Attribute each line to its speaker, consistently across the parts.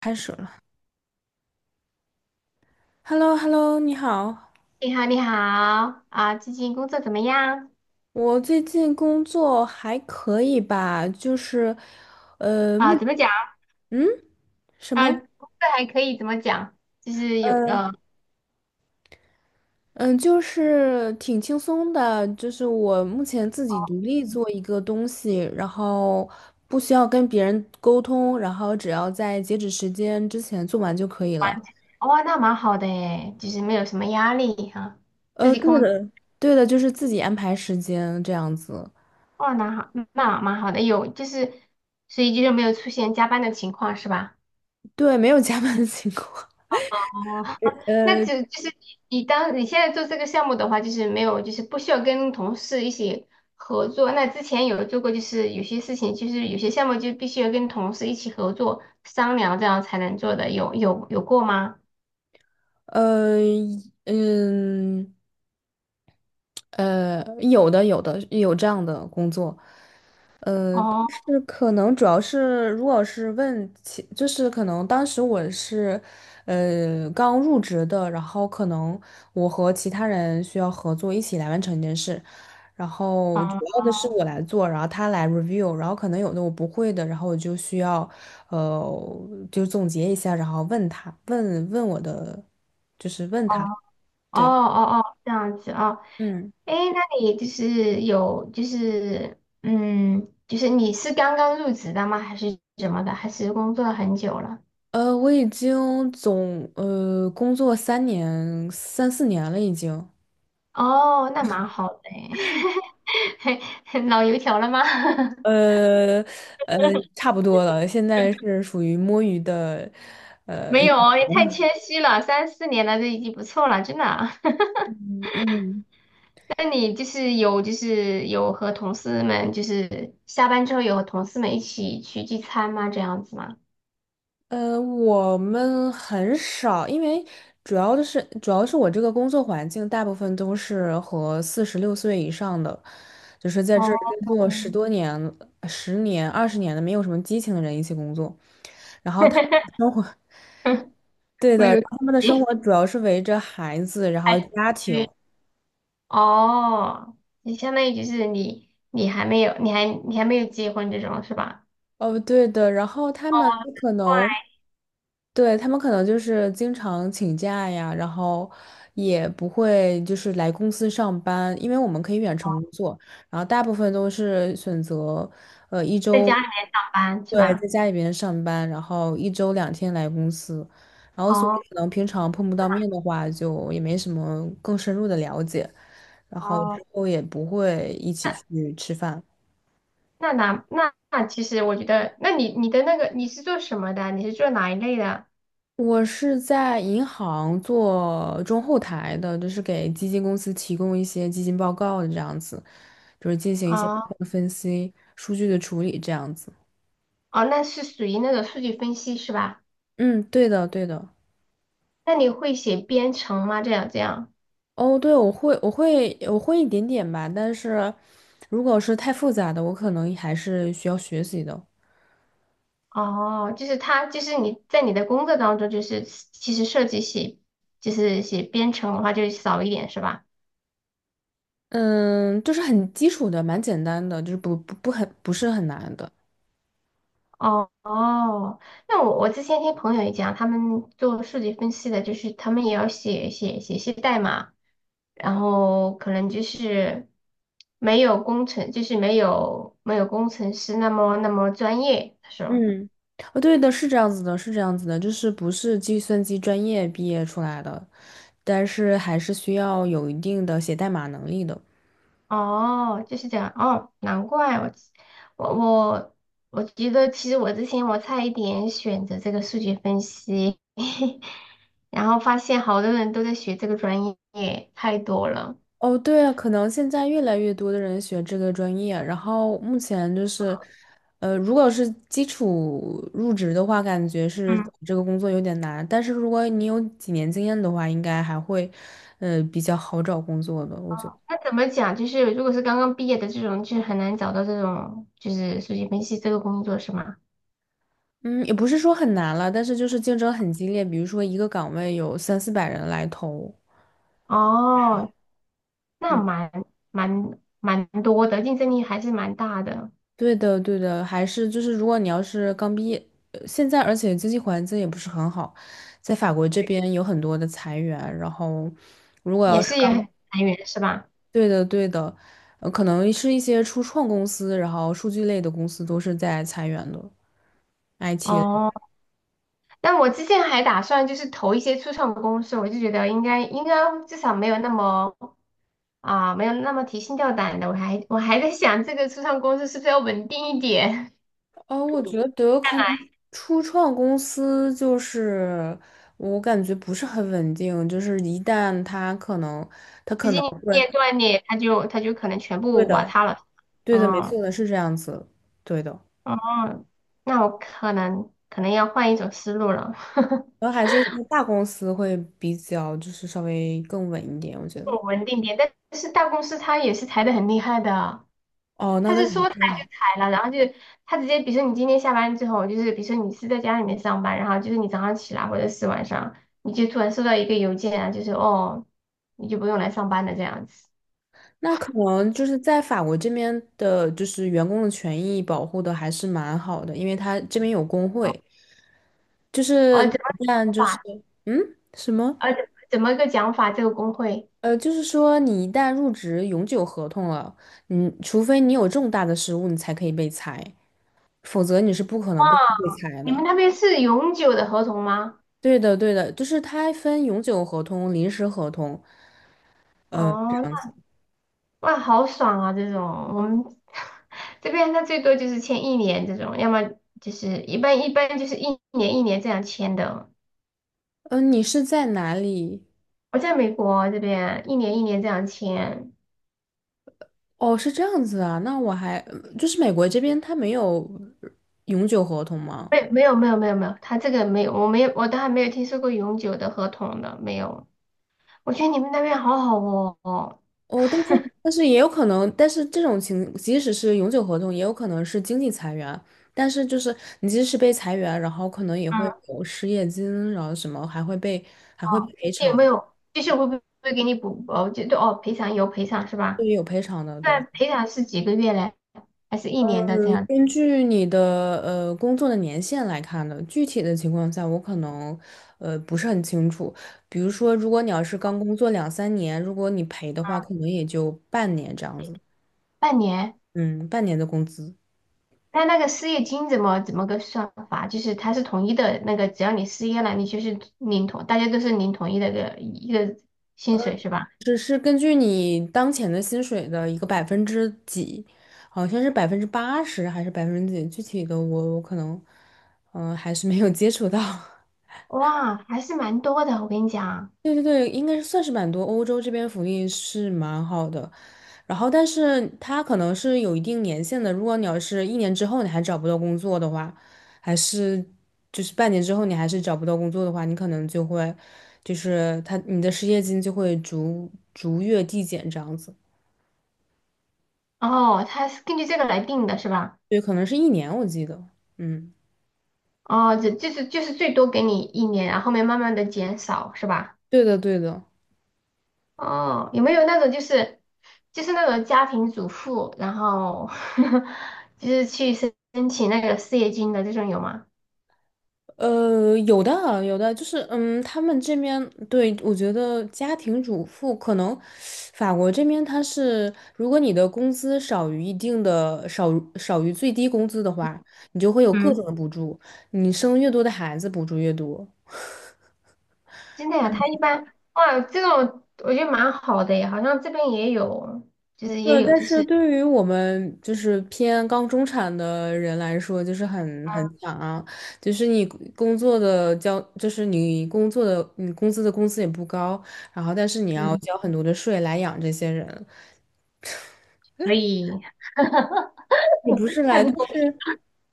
Speaker 1: 开始了。h e l l o h e l l o 你好。
Speaker 2: 你好，你好啊，最近工作怎么样？
Speaker 1: 我最近工作还可以吧，就是，呃，
Speaker 2: 啊，
Speaker 1: 目，
Speaker 2: 怎么讲？
Speaker 1: 嗯，什
Speaker 2: 啊，
Speaker 1: 么？
Speaker 2: 工作还可以，怎么讲？就是有
Speaker 1: 嗯，就是挺轻松的，就是我目前自己独立做一个东西，然后不需要跟别人沟通，然后只要在截止时间之前做完就可以了。
Speaker 2: 哇，那蛮好的诶，就是没有什么压力哈、自己
Speaker 1: 对
Speaker 2: 控，
Speaker 1: 的，对的，就是自己安排时间这样子，
Speaker 2: 哇，那好，那蛮好的，有就是，所以就是没有出现加班的情况是吧？
Speaker 1: 对，没有加班的情况。
Speaker 2: 哦，那
Speaker 1: 呃
Speaker 2: 就是你当你现在做这个项目的话，就是没有，就是不需要跟同事一起合作。那之前有做过，就是有些事情，就是有些项目就必须要跟同事一起合作商量，这样才能做的。有过吗？
Speaker 1: 呃，嗯。有的，有的，有这样的工作，但
Speaker 2: 哦，
Speaker 1: 是可能主要是，如果是问其，就是可能当时我是，刚入职的，然后可能我和其他人需要合作一起来完成一件事，然后主
Speaker 2: 哦
Speaker 1: 要的是我来做，然后他来 review，然后可能有的我不会的，然后我就需要，呃，就总结一下，然后问他，问问我的，就是问
Speaker 2: 哦
Speaker 1: 他，
Speaker 2: 哦
Speaker 1: 对，
Speaker 2: 哦，这样子啊？
Speaker 1: 嗯。
Speaker 2: 哎，那你就是有就是嗯，就是你是刚刚入职的吗？还是怎么的？还是工作了很久了？
Speaker 1: 我已经工作三四年了，已经，
Speaker 2: 哦，那蛮好的诶，老油条了吗？
Speaker 1: 呃呃，差不多了。现在是属于摸鱼的，
Speaker 2: 没有哦，也太谦虚了，三四年了，这已经不错了，真的啊。
Speaker 1: 嗯嗯，
Speaker 2: 那你就是有，就是有和同事们，就是下班之后有和同事们一起去聚餐吗？这样子吗？
Speaker 1: 我们很少，因为主要是我这个工作环境大部分都是和46岁以上的，就是在这儿
Speaker 2: 哦，
Speaker 1: 工作10多年、十年、20年的，没有什么激情的人一起工作，生活。对的，
Speaker 2: 没
Speaker 1: 然
Speaker 2: 有，
Speaker 1: 后他们的
Speaker 2: 你
Speaker 1: 生活主要是围着孩子，然后
Speaker 2: 还
Speaker 1: 家庭。
Speaker 2: 对哦，你相当于就是你，你还没有，你还没有结婚这种是吧？
Speaker 1: 哦，对的，然后他
Speaker 2: 哦，
Speaker 1: 们
Speaker 2: 难
Speaker 1: 可
Speaker 2: 怪
Speaker 1: 能对，他们可能就是经常请假呀，然后也不会就是来公司上班，因为我们可以远程工作，然后大部分都是选择，呃，一
Speaker 2: 在
Speaker 1: 周，
Speaker 2: 家里面上班是
Speaker 1: 对，
Speaker 2: 吧？
Speaker 1: 在家里边上班，然后一周两天来公司，然后所以
Speaker 2: 哦
Speaker 1: 可能平常碰不到面的话，就也没什么更深入的了解，然后
Speaker 2: 哦。
Speaker 1: 之后也不会一起去吃饭。
Speaker 2: 那那其实我觉得，那你你的那个你是做什么的？你是做哪一类的？
Speaker 1: 我是在银行做中后台的，就是给基金公司提供一些基金报告的这样子，就是进行一些报
Speaker 2: 哦
Speaker 1: 告分析、数据的处理这样子。
Speaker 2: 哦，那是属于那种数据分析是吧？
Speaker 1: 嗯，对的，对的。
Speaker 2: 那你会写编程吗？这样这样。
Speaker 1: 哦，对，我会，我会，我会一点点吧，但是如果是太复杂的，我可能还是需要学习的。
Speaker 2: 哦，就是他就是你在你的工作当中，就是其实设计写，就是写编程的话，就少一点是吧？
Speaker 1: 嗯，就是很基础的，蛮简单的，就是不是很难的。
Speaker 2: 哦哦，那我之前听朋友也讲，他们做数据分析的，就是他们也要写一些代码。然后可能就是没有工程，就是没有工程师那么那么专业。他说，
Speaker 1: 嗯，哦，对的，是这样子的，是这样子的，就是不是计算机专业毕业出来的。但是还是需要有一定的写代码能力的。
Speaker 2: 哦，就是这样，哦，难怪我我我觉得其实我之前我差一点选择这个数据分析，然后发现好多人都在学这个专业，太多了。
Speaker 1: 哦，对啊，可能现在越来越多的人学这个专业，然后目前就是，如果是基础入职的话，感觉是
Speaker 2: 嗯，
Speaker 1: 这个工作有点难，但是如果你有几年经验的话，应该还会，比较好找工作的，我觉得。
Speaker 2: 那怎么讲？就是如果是刚刚毕业的这种，就很难找到这种就是数据分析这个工作，是吗？
Speaker 1: 嗯，也不是说很难了，但是就是竞争很激烈，比如说一个岗位有三四百人来投。
Speaker 2: 哦，那
Speaker 1: 嗯。
Speaker 2: 蛮多的，竞争力还是蛮大的，
Speaker 1: 对的，对的，还是就是，如果你要是刚毕业，现在而且经济环境也不是很好，在法国这边有很多的裁员，然后如果
Speaker 2: 也
Speaker 1: 要是
Speaker 2: 是也
Speaker 1: 刚
Speaker 2: 很裁员是吧？
Speaker 1: 对的，对的，可能是一些初创公司，然后数据类的公司都是在裁员的，IT 类。
Speaker 2: 哦，那我之前还打算就是投一些初创公司，我就觉得应该至少没有那么啊、没有那么提心吊胆的。我还在想这个初创公司是不是要稳定一点，
Speaker 1: 哦，我觉得可能初创公司就是我感觉不是很稳定，就是一旦它可能，
Speaker 2: 资金
Speaker 1: 对，
Speaker 2: 链断裂，它就可能全
Speaker 1: 对
Speaker 2: 部瓦
Speaker 1: 的，
Speaker 2: 塌了。
Speaker 1: 对的，没
Speaker 2: 嗯
Speaker 1: 错的，是这样子，对的。
Speaker 2: 哦，那我可能要换一种思路了。
Speaker 1: 然后还是一些大公司会比较就是稍微更稳一点，我觉得。
Speaker 2: 稳定点，但是大公司它也是裁的很厉害的，
Speaker 1: 哦，那
Speaker 2: 它
Speaker 1: 倒
Speaker 2: 是
Speaker 1: 也
Speaker 2: 说裁
Speaker 1: 是。
Speaker 2: 就裁了，然后就它直接，比如说你今天下班之后，就是比如说你是在家里面上班，然后就是你早上起来或者是晚上，你就突然收到一个邮件啊，就是哦，你就不用来上班了这样子。
Speaker 1: 那可能就是在法国这边的，就是员工的权益保护的还是蛮好的，因为他这边有工会，就
Speaker 2: 哦，
Speaker 1: 是你
Speaker 2: 怎么个
Speaker 1: 一旦
Speaker 2: 讲
Speaker 1: 就是
Speaker 2: 法？
Speaker 1: 嗯什么
Speaker 2: 呃，怎么个讲法？这个工会，
Speaker 1: 呃，就是说你一旦入职永久合同了，你除非你有重大的失误，你才可以被裁，否则你是不可能被裁
Speaker 2: 你
Speaker 1: 的。
Speaker 2: 们那边是永久的合同吗？
Speaker 1: 对的，对的，就是它分永久合同、临时合同。这
Speaker 2: 哦，
Speaker 1: 样子。
Speaker 2: 哇，好爽啊！这种我们 这边他最多就是签一年这种，要么就是一般就是一年一年这样签的。
Speaker 1: 嗯，你是在哪里？
Speaker 2: 我在美国啊这边啊一年一年这样签，
Speaker 1: 哦，是这样子啊，那我还就是美国这边它没有永久合同吗？
Speaker 2: 没有，他这个没有，我没有我都还没有听说过永久的合同的，没有。我觉得你们那边好好哦。
Speaker 1: 哦，但是也有可能，但是这种情即使是永久合同，也有可能是经济裁员。但是就是你即使被裁员，然后可能也会
Speaker 2: 嗯，
Speaker 1: 有失业金，然后什么还会被还会
Speaker 2: 哦，
Speaker 1: 赔
Speaker 2: 有没
Speaker 1: 偿，
Speaker 2: 有？就是会不会给你补？哦，就对哦，赔偿有赔偿是
Speaker 1: 对，
Speaker 2: 吧？
Speaker 1: 有赔偿的，对。
Speaker 2: 那赔偿是几个月嘞？还是一年的这样？
Speaker 1: 根据你的工作的年限来看的，具体的情况下我可能不是很清楚。比如说，如果你要是刚工作两三年，如果你赔的话，可能也就半年这样子，
Speaker 2: 半年？
Speaker 1: 嗯，半年的工资，
Speaker 2: 那那个失业金怎么个算法？就是它是统一的那个，只要你失业了，你就是领同，大家都是领统一的一个薪水是吧？
Speaker 1: 只是根据你当前的薪水的一个百分之几，好像是80%还是百分之几，具体的我可能还是没有接触到。
Speaker 2: 哇，还是蛮多的，我跟你讲。
Speaker 1: 对对对，应该是算是蛮多。欧洲这边福利是蛮好的，然后但是它可能是有一定年限的。如果你要是一年之后你还找不到工作的话，还是就是半年之后你还是找不到工作的话，你可能就会就是他你的失业金就会逐月递减这样子。
Speaker 2: 哦，它是根据这个来定的是吧？
Speaker 1: 对，可能是一年我记得。嗯，
Speaker 2: 哦，这就是就是最多给你一年，然后后面慢慢的减少是吧？
Speaker 1: 对的对的。
Speaker 2: 哦，有没有那种就是就是那种家庭主妇，然后 就是去申请那个失业金的这种有吗？
Speaker 1: 有的啊，有的，就是嗯，他们这边对我觉得家庭主妇可能，法国这边他是，如果你的工资少于一定的少于最低工资的话，你就会有各
Speaker 2: 嗯。
Speaker 1: 种的补助，你生越多的孩子补助越多。
Speaker 2: 真的呀，他一般哇，这种我觉得蛮好的耶，好像这边也有，就是也
Speaker 1: 对，
Speaker 2: 有，
Speaker 1: 但
Speaker 2: 就
Speaker 1: 是
Speaker 2: 是
Speaker 1: 对于我们就是偏刚中产的人来说，就是很惨啊。就是你工作的交，就是你工作的，你工资的工资也不高，然后但是你要
Speaker 2: 嗯，
Speaker 1: 交很多的税来养这些人，
Speaker 2: 所以
Speaker 1: 也不是
Speaker 2: 太
Speaker 1: 来，就
Speaker 2: 不公
Speaker 1: 是
Speaker 2: 平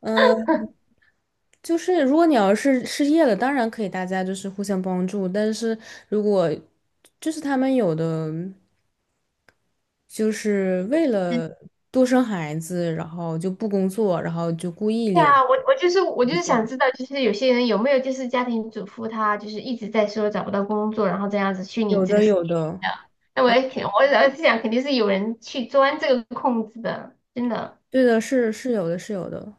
Speaker 1: 嗯、就是如果你要是失业了，当然可以大家就是互相帮助，但是如果就是他们有的就是为了
Speaker 2: 了。
Speaker 1: 多生孩子，然后就不工作，然后就故意
Speaker 2: 对
Speaker 1: 领，
Speaker 2: 啊，我就是我就是想知道，就是有些人有没有就是家庭主妇，她就是一直在说找不到工作，然后这样子去领
Speaker 1: 有
Speaker 2: 这个
Speaker 1: 的
Speaker 2: 事
Speaker 1: 有
Speaker 2: 情
Speaker 1: 的。
Speaker 2: 的。那我也肯，我也是想肯定是有人去钻这个空子的，真的。
Speaker 1: 对的，是有的，是有的。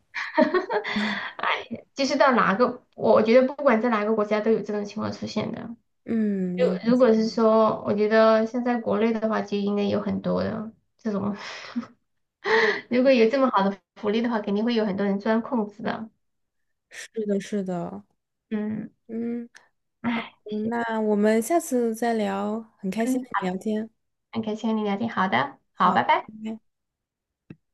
Speaker 2: 哎，就是到哪个，我觉得不管在哪个国家都有这种情况出现的。
Speaker 1: 嗯，
Speaker 2: 如果是说，我觉得现在国内的话，就应该有很多的这种，如果有这么好的福利的话，肯定会有很多人钻空子的。
Speaker 1: 是的，是的。
Speaker 2: 嗯，
Speaker 1: 嗯，
Speaker 2: 唉，
Speaker 1: 那我们下次再聊，很开心
Speaker 2: 嗯，
Speaker 1: 跟你聊天。
Speaker 2: 很开心和你聊天，好的，好，
Speaker 1: 好，
Speaker 2: 拜拜。
Speaker 1: 拜拜。